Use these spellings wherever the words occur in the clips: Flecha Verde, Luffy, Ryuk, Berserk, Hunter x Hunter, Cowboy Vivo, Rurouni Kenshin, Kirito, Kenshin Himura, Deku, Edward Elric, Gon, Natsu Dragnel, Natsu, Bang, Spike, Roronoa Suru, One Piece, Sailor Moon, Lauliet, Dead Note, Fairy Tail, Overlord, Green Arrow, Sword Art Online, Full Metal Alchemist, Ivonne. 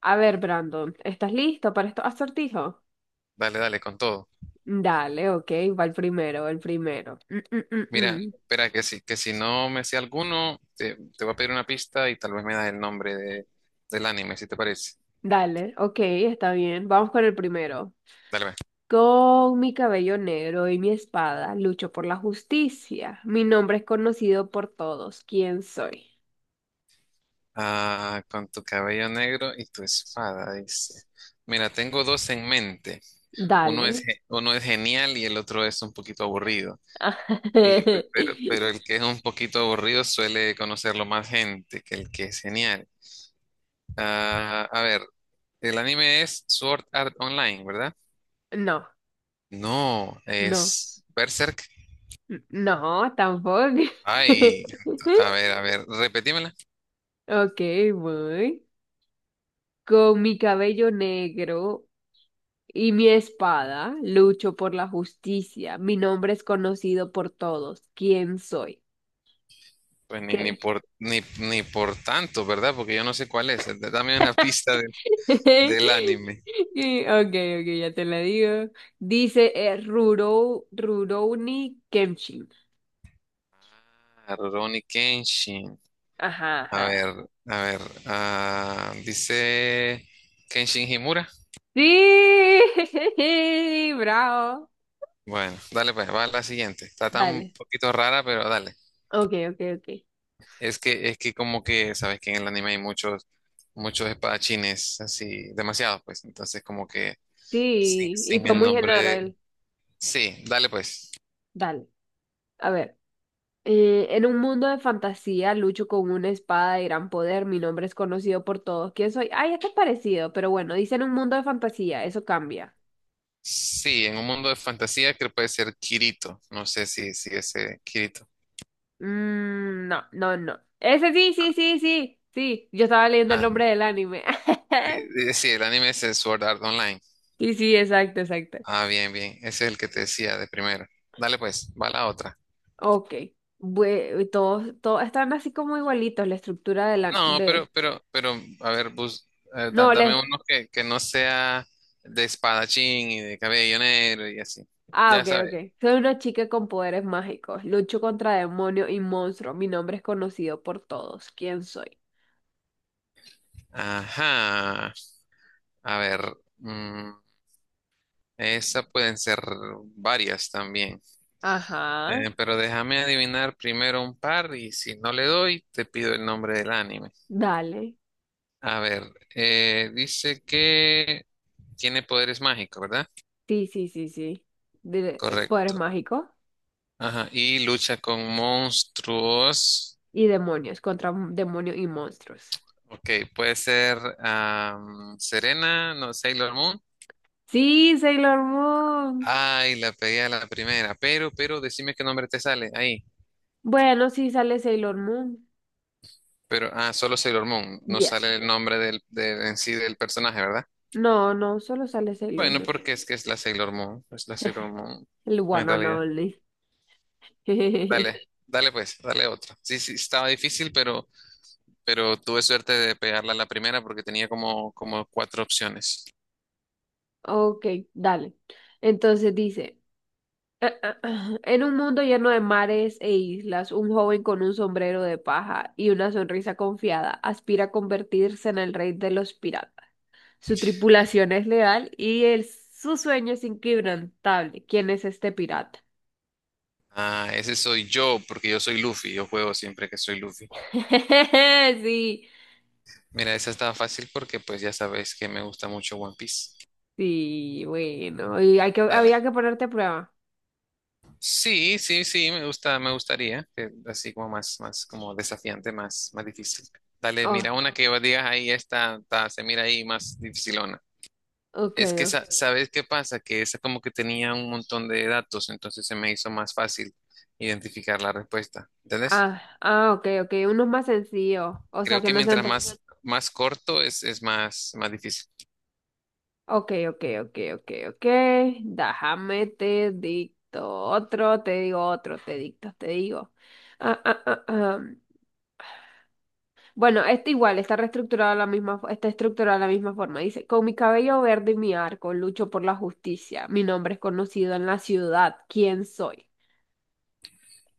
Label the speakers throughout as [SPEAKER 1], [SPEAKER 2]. [SPEAKER 1] A ver, Brandon, ¿estás listo para estos acertijos?
[SPEAKER 2] Dale, dale, con todo.
[SPEAKER 1] Dale, ok, va el primero, el primero. Mm,
[SPEAKER 2] Mira,
[SPEAKER 1] mm.
[SPEAKER 2] espera, que si no me sé alguno, te voy a pedir una pista y tal vez me das el nombre del anime, si te parece.
[SPEAKER 1] Dale, ok, está bien. Vamos con el primero.
[SPEAKER 2] Dale, ve.
[SPEAKER 1] Con mi cabello negro y mi espada lucho por la justicia. Mi nombre es conocido por todos. ¿Quién soy?
[SPEAKER 2] Ah, con tu cabello negro y tu espada, dice. Mira, tengo dos en mente.
[SPEAKER 1] Dale.
[SPEAKER 2] Uno es genial y el otro es un poquito aburrido. Y, pe- pero, pero el que es un poquito aburrido suele conocerlo más gente que el que es genial. A ver, el anime es Sword Art Online, ¿verdad?
[SPEAKER 1] No,
[SPEAKER 2] No,
[SPEAKER 1] no,
[SPEAKER 2] es Berserk.
[SPEAKER 1] no, tampoco.
[SPEAKER 2] Ay, a ver, repetímela.
[SPEAKER 1] Ok, voy. Con mi cabello negro y mi espada lucho por la justicia. Mi nombre es conocido por todos. ¿Quién soy?
[SPEAKER 2] Pues ni
[SPEAKER 1] ¿Qué?
[SPEAKER 2] por ni por tanto, ¿verdad? Porque yo no sé cuál es. Dame una pista del anime.
[SPEAKER 1] Ok, ok, ya te la digo. Dice Rurouni Kenshin.
[SPEAKER 2] Ah, Rurouni Kenshin.
[SPEAKER 1] Ajá,
[SPEAKER 2] A
[SPEAKER 1] ajá.
[SPEAKER 2] ver, a ver. Dice Kenshin Himura.
[SPEAKER 1] Sí, bravo.
[SPEAKER 2] Bueno, dale pues, va a la siguiente. Está tan un
[SPEAKER 1] Dale.
[SPEAKER 2] poquito rara, pero dale.
[SPEAKER 1] Ok, ok, ok.
[SPEAKER 2] Es que como que, sabes que en el anime hay muchos espadachines, así, demasiados, pues. Entonces, como que
[SPEAKER 1] Sí, y
[SPEAKER 2] sin
[SPEAKER 1] fue
[SPEAKER 2] el
[SPEAKER 1] muy
[SPEAKER 2] nombre.
[SPEAKER 1] general.
[SPEAKER 2] Sí, dale pues.
[SPEAKER 1] Dale, a ver. En un mundo de fantasía, lucho con una espada de gran poder. Mi nombre es conocido por todos. ¿Quién soy? Ay, este es parecido, pero bueno, dice en un mundo de fantasía, eso cambia.
[SPEAKER 2] Sí, en un mundo de fantasía creo que puede ser Kirito. No sé si, si ese Kirito.
[SPEAKER 1] Mm, no, no, no. Ese sí, sí, sí, sí, sí. Yo estaba leyendo el
[SPEAKER 2] Ah,
[SPEAKER 1] nombre del anime.
[SPEAKER 2] sí, el anime es el Sword Art Online.
[SPEAKER 1] Sí, sí, exacto, exacto.
[SPEAKER 2] Ah, bien, bien. Ese es el que te decía de primero. Dale pues, va la otra.
[SPEAKER 1] Ok. Todos están así como igualitos, la estructura de la...
[SPEAKER 2] No,
[SPEAKER 1] De...
[SPEAKER 2] a ver,
[SPEAKER 1] No, la,
[SPEAKER 2] dame uno que no sea de espadachín y de cabello negro y así.
[SPEAKER 1] Ah,
[SPEAKER 2] Ya
[SPEAKER 1] ok,
[SPEAKER 2] sabes.
[SPEAKER 1] ok. Soy una chica con poderes mágicos. Lucho contra demonios y monstruos. Mi nombre es conocido por todos. ¿Quién soy?
[SPEAKER 2] Ajá. A ver, mm, esa pueden ser varias también.
[SPEAKER 1] Ajá.
[SPEAKER 2] Pero déjame adivinar primero un par y si no le doy, te pido el nombre del anime.
[SPEAKER 1] Dale.
[SPEAKER 2] A ver, dice que tiene poderes mágicos, ¿verdad?
[SPEAKER 1] Sí, sí, sí, sí. Poderes
[SPEAKER 2] Correcto.
[SPEAKER 1] mágicos
[SPEAKER 2] Ajá, y lucha con monstruos.
[SPEAKER 1] y demonios contra demonios y monstruos.
[SPEAKER 2] Ok, puede ser Serena, no, Sailor Moon.
[SPEAKER 1] Sí, Sailor Moon.
[SPEAKER 2] Ay, la pegué a la primera, pero, decime qué nombre te sale ahí.
[SPEAKER 1] Bueno, sí sale Sailor Moon.
[SPEAKER 2] Pero, ah, solo Sailor Moon, no
[SPEAKER 1] Yes.
[SPEAKER 2] sale el nombre en sí del personaje, ¿verdad?
[SPEAKER 1] No, no, solo sale Sailor
[SPEAKER 2] Bueno,
[SPEAKER 1] Moon.
[SPEAKER 2] porque es que es la Sailor Moon, es la Sailor Moon
[SPEAKER 1] El one
[SPEAKER 2] en
[SPEAKER 1] and
[SPEAKER 2] realidad.
[SPEAKER 1] only.
[SPEAKER 2] Dale, dale pues, dale otra. Sí, sí, estaba difícil, pero tuve suerte de pegarla a la primera porque tenía como cuatro opciones.
[SPEAKER 1] Ok, dale. Entonces dice. Ah, ah, ah. En un mundo lleno de mares e islas, un joven con un sombrero de paja y una sonrisa confiada aspira a convertirse en el rey de los piratas. Su tripulación es leal y su sueño es inquebrantable. ¿Quién es este pirata?
[SPEAKER 2] Ah, ese soy yo, porque yo soy Luffy, yo juego siempre que soy Luffy.
[SPEAKER 1] Sí,
[SPEAKER 2] Mira, esa estaba fácil porque pues ya sabes que me gusta mucho One Piece.
[SPEAKER 1] sí, bueno, y hay que,
[SPEAKER 2] Dale.
[SPEAKER 1] había que ponerte a prueba.
[SPEAKER 2] Sí, sí, sí, me gusta, me gustaría, que así como más como desafiante, más difícil. Dale,
[SPEAKER 1] Oh,
[SPEAKER 2] mira una que vos digas ahí, se mira ahí más difícil.
[SPEAKER 1] ok.
[SPEAKER 2] Es que,
[SPEAKER 1] Oh.
[SPEAKER 2] ¿sabes qué pasa? Que esa como que tenía un montón de datos, entonces se me hizo más fácil identificar la respuesta. ¿Entendés?
[SPEAKER 1] Ah, ah, ok, ok, unos más sencillos, o sea,
[SPEAKER 2] Creo
[SPEAKER 1] que
[SPEAKER 2] que
[SPEAKER 1] no sean
[SPEAKER 2] mientras
[SPEAKER 1] tan
[SPEAKER 2] más corto es más difícil.
[SPEAKER 1] Ok, ok, ok, ok, ok. Déjame te dicto otro, te digo otro, te dicto, te digo. Ah, ah, ah, ah. Bueno, este igual está reestructurado de la misma, está estructurado de la misma forma. Dice, con mi cabello verde y mi arco lucho por la justicia. Mi nombre es conocido en la ciudad. ¿Quién soy?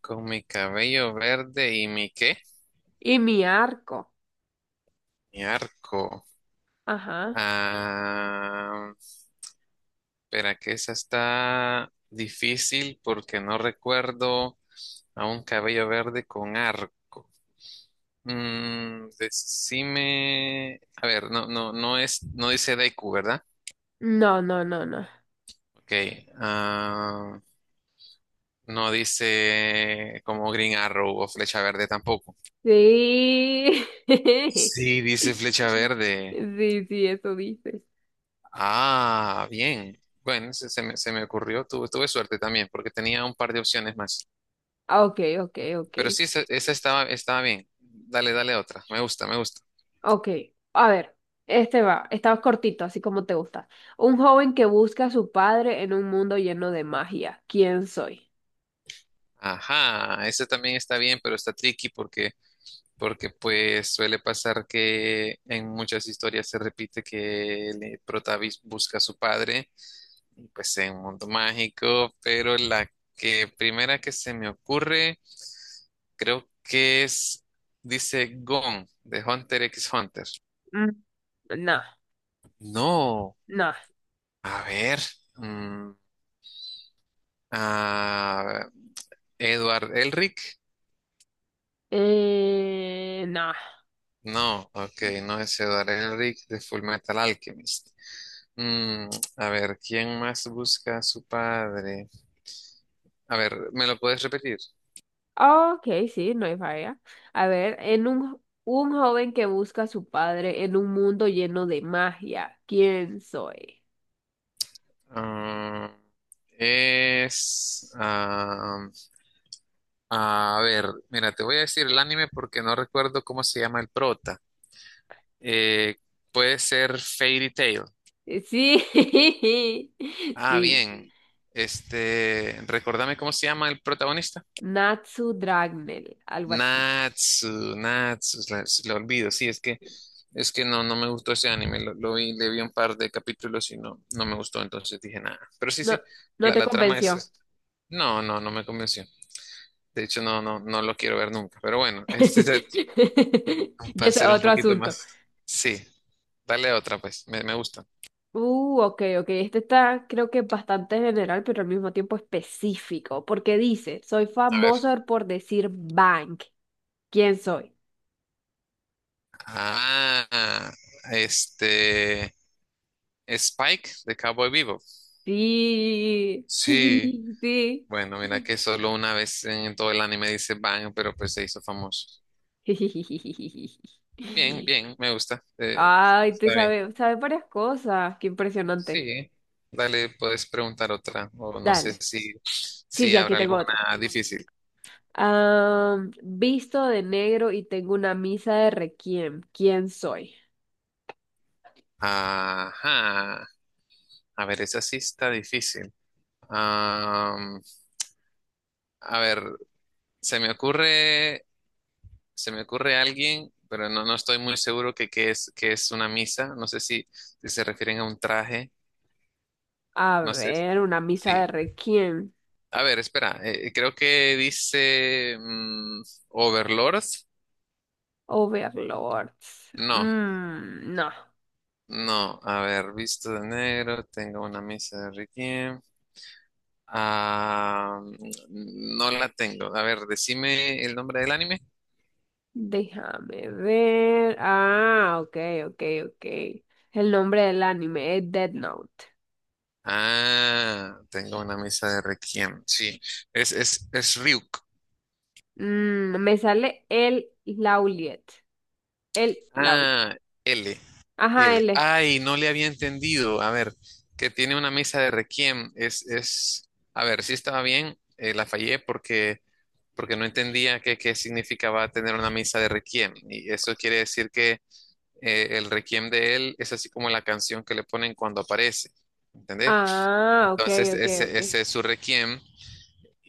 [SPEAKER 2] ¿Con mi cabello verde y mi qué?
[SPEAKER 1] Y mi arco.
[SPEAKER 2] Mi arco.
[SPEAKER 1] Ajá.
[SPEAKER 2] Ah, espera, que esa está difícil porque no recuerdo a un cabello verde con arco. Mm, decime, a ver, no es, no dice Deku, ¿verdad?
[SPEAKER 1] No, no, no, no.
[SPEAKER 2] Ok, ah, no dice como Green Arrow o Flecha Verde tampoco.
[SPEAKER 1] Sí.
[SPEAKER 2] Sí, dice Flecha Verde.
[SPEAKER 1] Sí, sí, eso dices.
[SPEAKER 2] Ah, bien. Bueno, se me ocurrió, tuve suerte también, porque tenía un par de opciones más.
[SPEAKER 1] Ah, ok, ok, ok.
[SPEAKER 2] Pero sí, esa estaba bien. Dale, dale otra. Me gusta, me gusta.
[SPEAKER 1] Ok, a ver, este va, está cortito, así como te gusta. Un joven que busca a su padre en un mundo lleno de magia. ¿Quién soy?
[SPEAKER 2] Ajá, esa también está bien, pero está tricky porque pues suele pasar que en muchas historias se repite que el protagonista busca a su padre, y pues en un mundo mágico, pero la que primera que se me ocurre, creo que es, dice Gon, de Hunter x Hunter.
[SPEAKER 1] Mm, no,
[SPEAKER 2] No,
[SPEAKER 1] no.
[SPEAKER 2] a ver, mm, a Edward Elric.
[SPEAKER 1] No.
[SPEAKER 2] No, ok, no es Edward Elric de Full Metal Alchemist. Mm, a ver, ¿quién más busca a su padre? A ver, ¿me lo puedes repetir?
[SPEAKER 1] Ok, sí, no hay falla. A ver, un joven que busca a su padre en un mundo lleno de magia. ¿Quién soy?
[SPEAKER 2] Ah, es... a ver, mira, te voy a decir el anime porque no recuerdo cómo se llama el prota. Eh, puede ser Fairy Tail.
[SPEAKER 1] Sí,
[SPEAKER 2] Ah,
[SPEAKER 1] sí.
[SPEAKER 2] bien. Este, recordame cómo se llama el protagonista.
[SPEAKER 1] Natsu Dragnel, algo así.
[SPEAKER 2] Natsu, se lo olvido, sí, es que no, no me gustó ese anime, lo vi, le vi un par de capítulos y no, no me gustó, entonces dije nada. Pero sí,
[SPEAKER 1] No,
[SPEAKER 2] sí,
[SPEAKER 1] no te
[SPEAKER 2] la trama
[SPEAKER 1] convenció.
[SPEAKER 2] es- no, no me convenció. De hecho, no lo quiero ver nunca. Pero bueno, este es el-
[SPEAKER 1] Ya
[SPEAKER 2] para
[SPEAKER 1] es
[SPEAKER 2] ser un
[SPEAKER 1] otro
[SPEAKER 2] poquito
[SPEAKER 1] asunto.
[SPEAKER 2] más. Sí, dale otra, pues, me gusta.
[SPEAKER 1] Ok, ok. Este está, creo que bastante general, pero al mismo tiempo específico, porque dice, soy
[SPEAKER 2] A ver.
[SPEAKER 1] famoso por decir bank. ¿Quién soy?
[SPEAKER 2] Ah, este, Spike de Cowboy Vivo.
[SPEAKER 1] Sí,
[SPEAKER 2] Sí,
[SPEAKER 1] sí.
[SPEAKER 2] bueno, mira que solo una vez en todo el anime dice Bang, pero pues se hizo famoso. Bien, bien, me gusta.
[SPEAKER 1] Ay, te
[SPEAKER 2] Está bien.
[SPEAKER 1] sabe, sabe varias cosas. Qué impresionante.
[SPEAKER 2] Sí. Dale, puedes preguntar otra, o no sé
[SPEAKER 1] Dale.
[SPEAKER 2] si,
[SPEAKER 1] Sí,
[SPEAKER 2] si
[SPEAKER 1] sí, aquí
[SPEAKER 2] habrá
[SPEAKER 1] tengo
[SPEAKER 2] alguna
[SPEAKER 1] otra.
[SPEAKER 2] difícil.
[SPEAKER 1] Visto de negro y tengo una misa de requiem. ¿Quién soy?
[SPEAKER 2] Ajá. A ver, esa sí está difícil. Am, a ver, se me ocurre, se me ocurre alguien, pero no, no estoy muy seguro que qué es, que es una misa. No sé si, si se refieren a un traje.
[SPEAKER 1] A
[SPEAKER 2] No sé.
[SPEAKER 1] ver, una misa de
[SPEAKER 2] Sí,
[SPEAKER 1] Requiem.
[SPEAKER 2] a ver, espera, creo que dice mm, Overlord.
[SPEAKER 1] Overlords.
[SPEAKER 2] No,
[SPEAKER 1] Mm, no.
[SPEAKER 2] no, a ver, visto de negro, tengo una misa de Requiem. Ah, mm, no la tengo. A ver, decime el nombre del anime.
[SPEAKER 1] Déjame ver. Ah, ok, ok, ok. El nombre del anime es Dead Note.
[SPEAKER 2] Ah, tengo una misa de Requiem. Sí, es Ryuk.
[SPEAKER 1] Mm, me sale el Lauliet. El Lauliet.
[SPEAKER 2] Ah, L,
[SPEAKER 1] Ajá,
[SPEAKER 2] L.
[SPEAKER 1] L.
[SPEAKER 2] Ay, no le había entendido. A ver, que tiene una misa de Requiem. Es, a ver, sí estaba bien, la fallé porque. Porque no entendía qué significaba tener una misa de requiem. Y eso quiere decir que el requiem de él es así como la canción que le ponen cuando aparece, ¿entendés?
[SPEAKER 1] Ah, ok,
[SPEAKER 2] Entonces,
[SPEAKER 1] ok, ok.
[SPEAKER 2] ese es su requiem.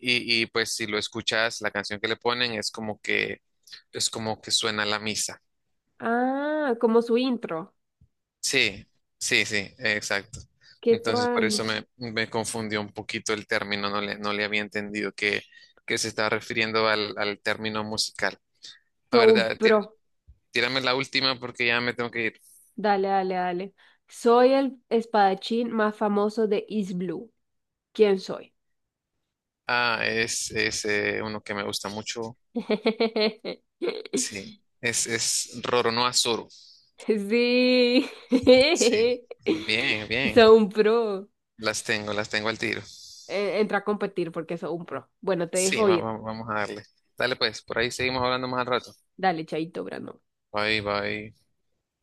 [SPEAKER 2] Y pues si lo escuchas, la canción que le ponen es como que suena la misa.
[SPEAKER 1] Ah, como su intro.
[SPEAKER 2] Sí, sí, sí, exacto.
[SPEAKER 1] Que
[SPEAKER 2] Entonces, por eso me confundió un poquito el término, no le había entendido que se estaba refiriendo al término musical. La
[SPEAKER 1] todo un
[SPEAKER 2] verdad,
[SPEAKER 1] pro.
[SPEAKER 2] tírame la última porque ya me tengo que ir.
[SPEAKER 1] Dale, dale, dale. Soy el espadachín más famoso de East Blue. ¿Quién soy?
[SPEAKER 2] Ah, es uno que me gusta mucho. Sí, es Roronoa Suru.
[SPEAKER 1] Sí.
[SPEAKER 2] Sí, bien, bien.
[SPEAKER 1] Soy un pro.
[SPEAKER 2] Las tengo al tiro.
[SPEAKER 1] Entra a competir porque soy un pro. Bueno, te
[SPEAKER 2] Sí,
[SPEAKER 1] dejo ir.
[SPEAKER 2] vamos a darle. Dale pues, por ahí seguimos hablando más al rato.
[SPEAKER 1] Dale, chaito, Brandon.
[SPEAKER 2] Bye, bye.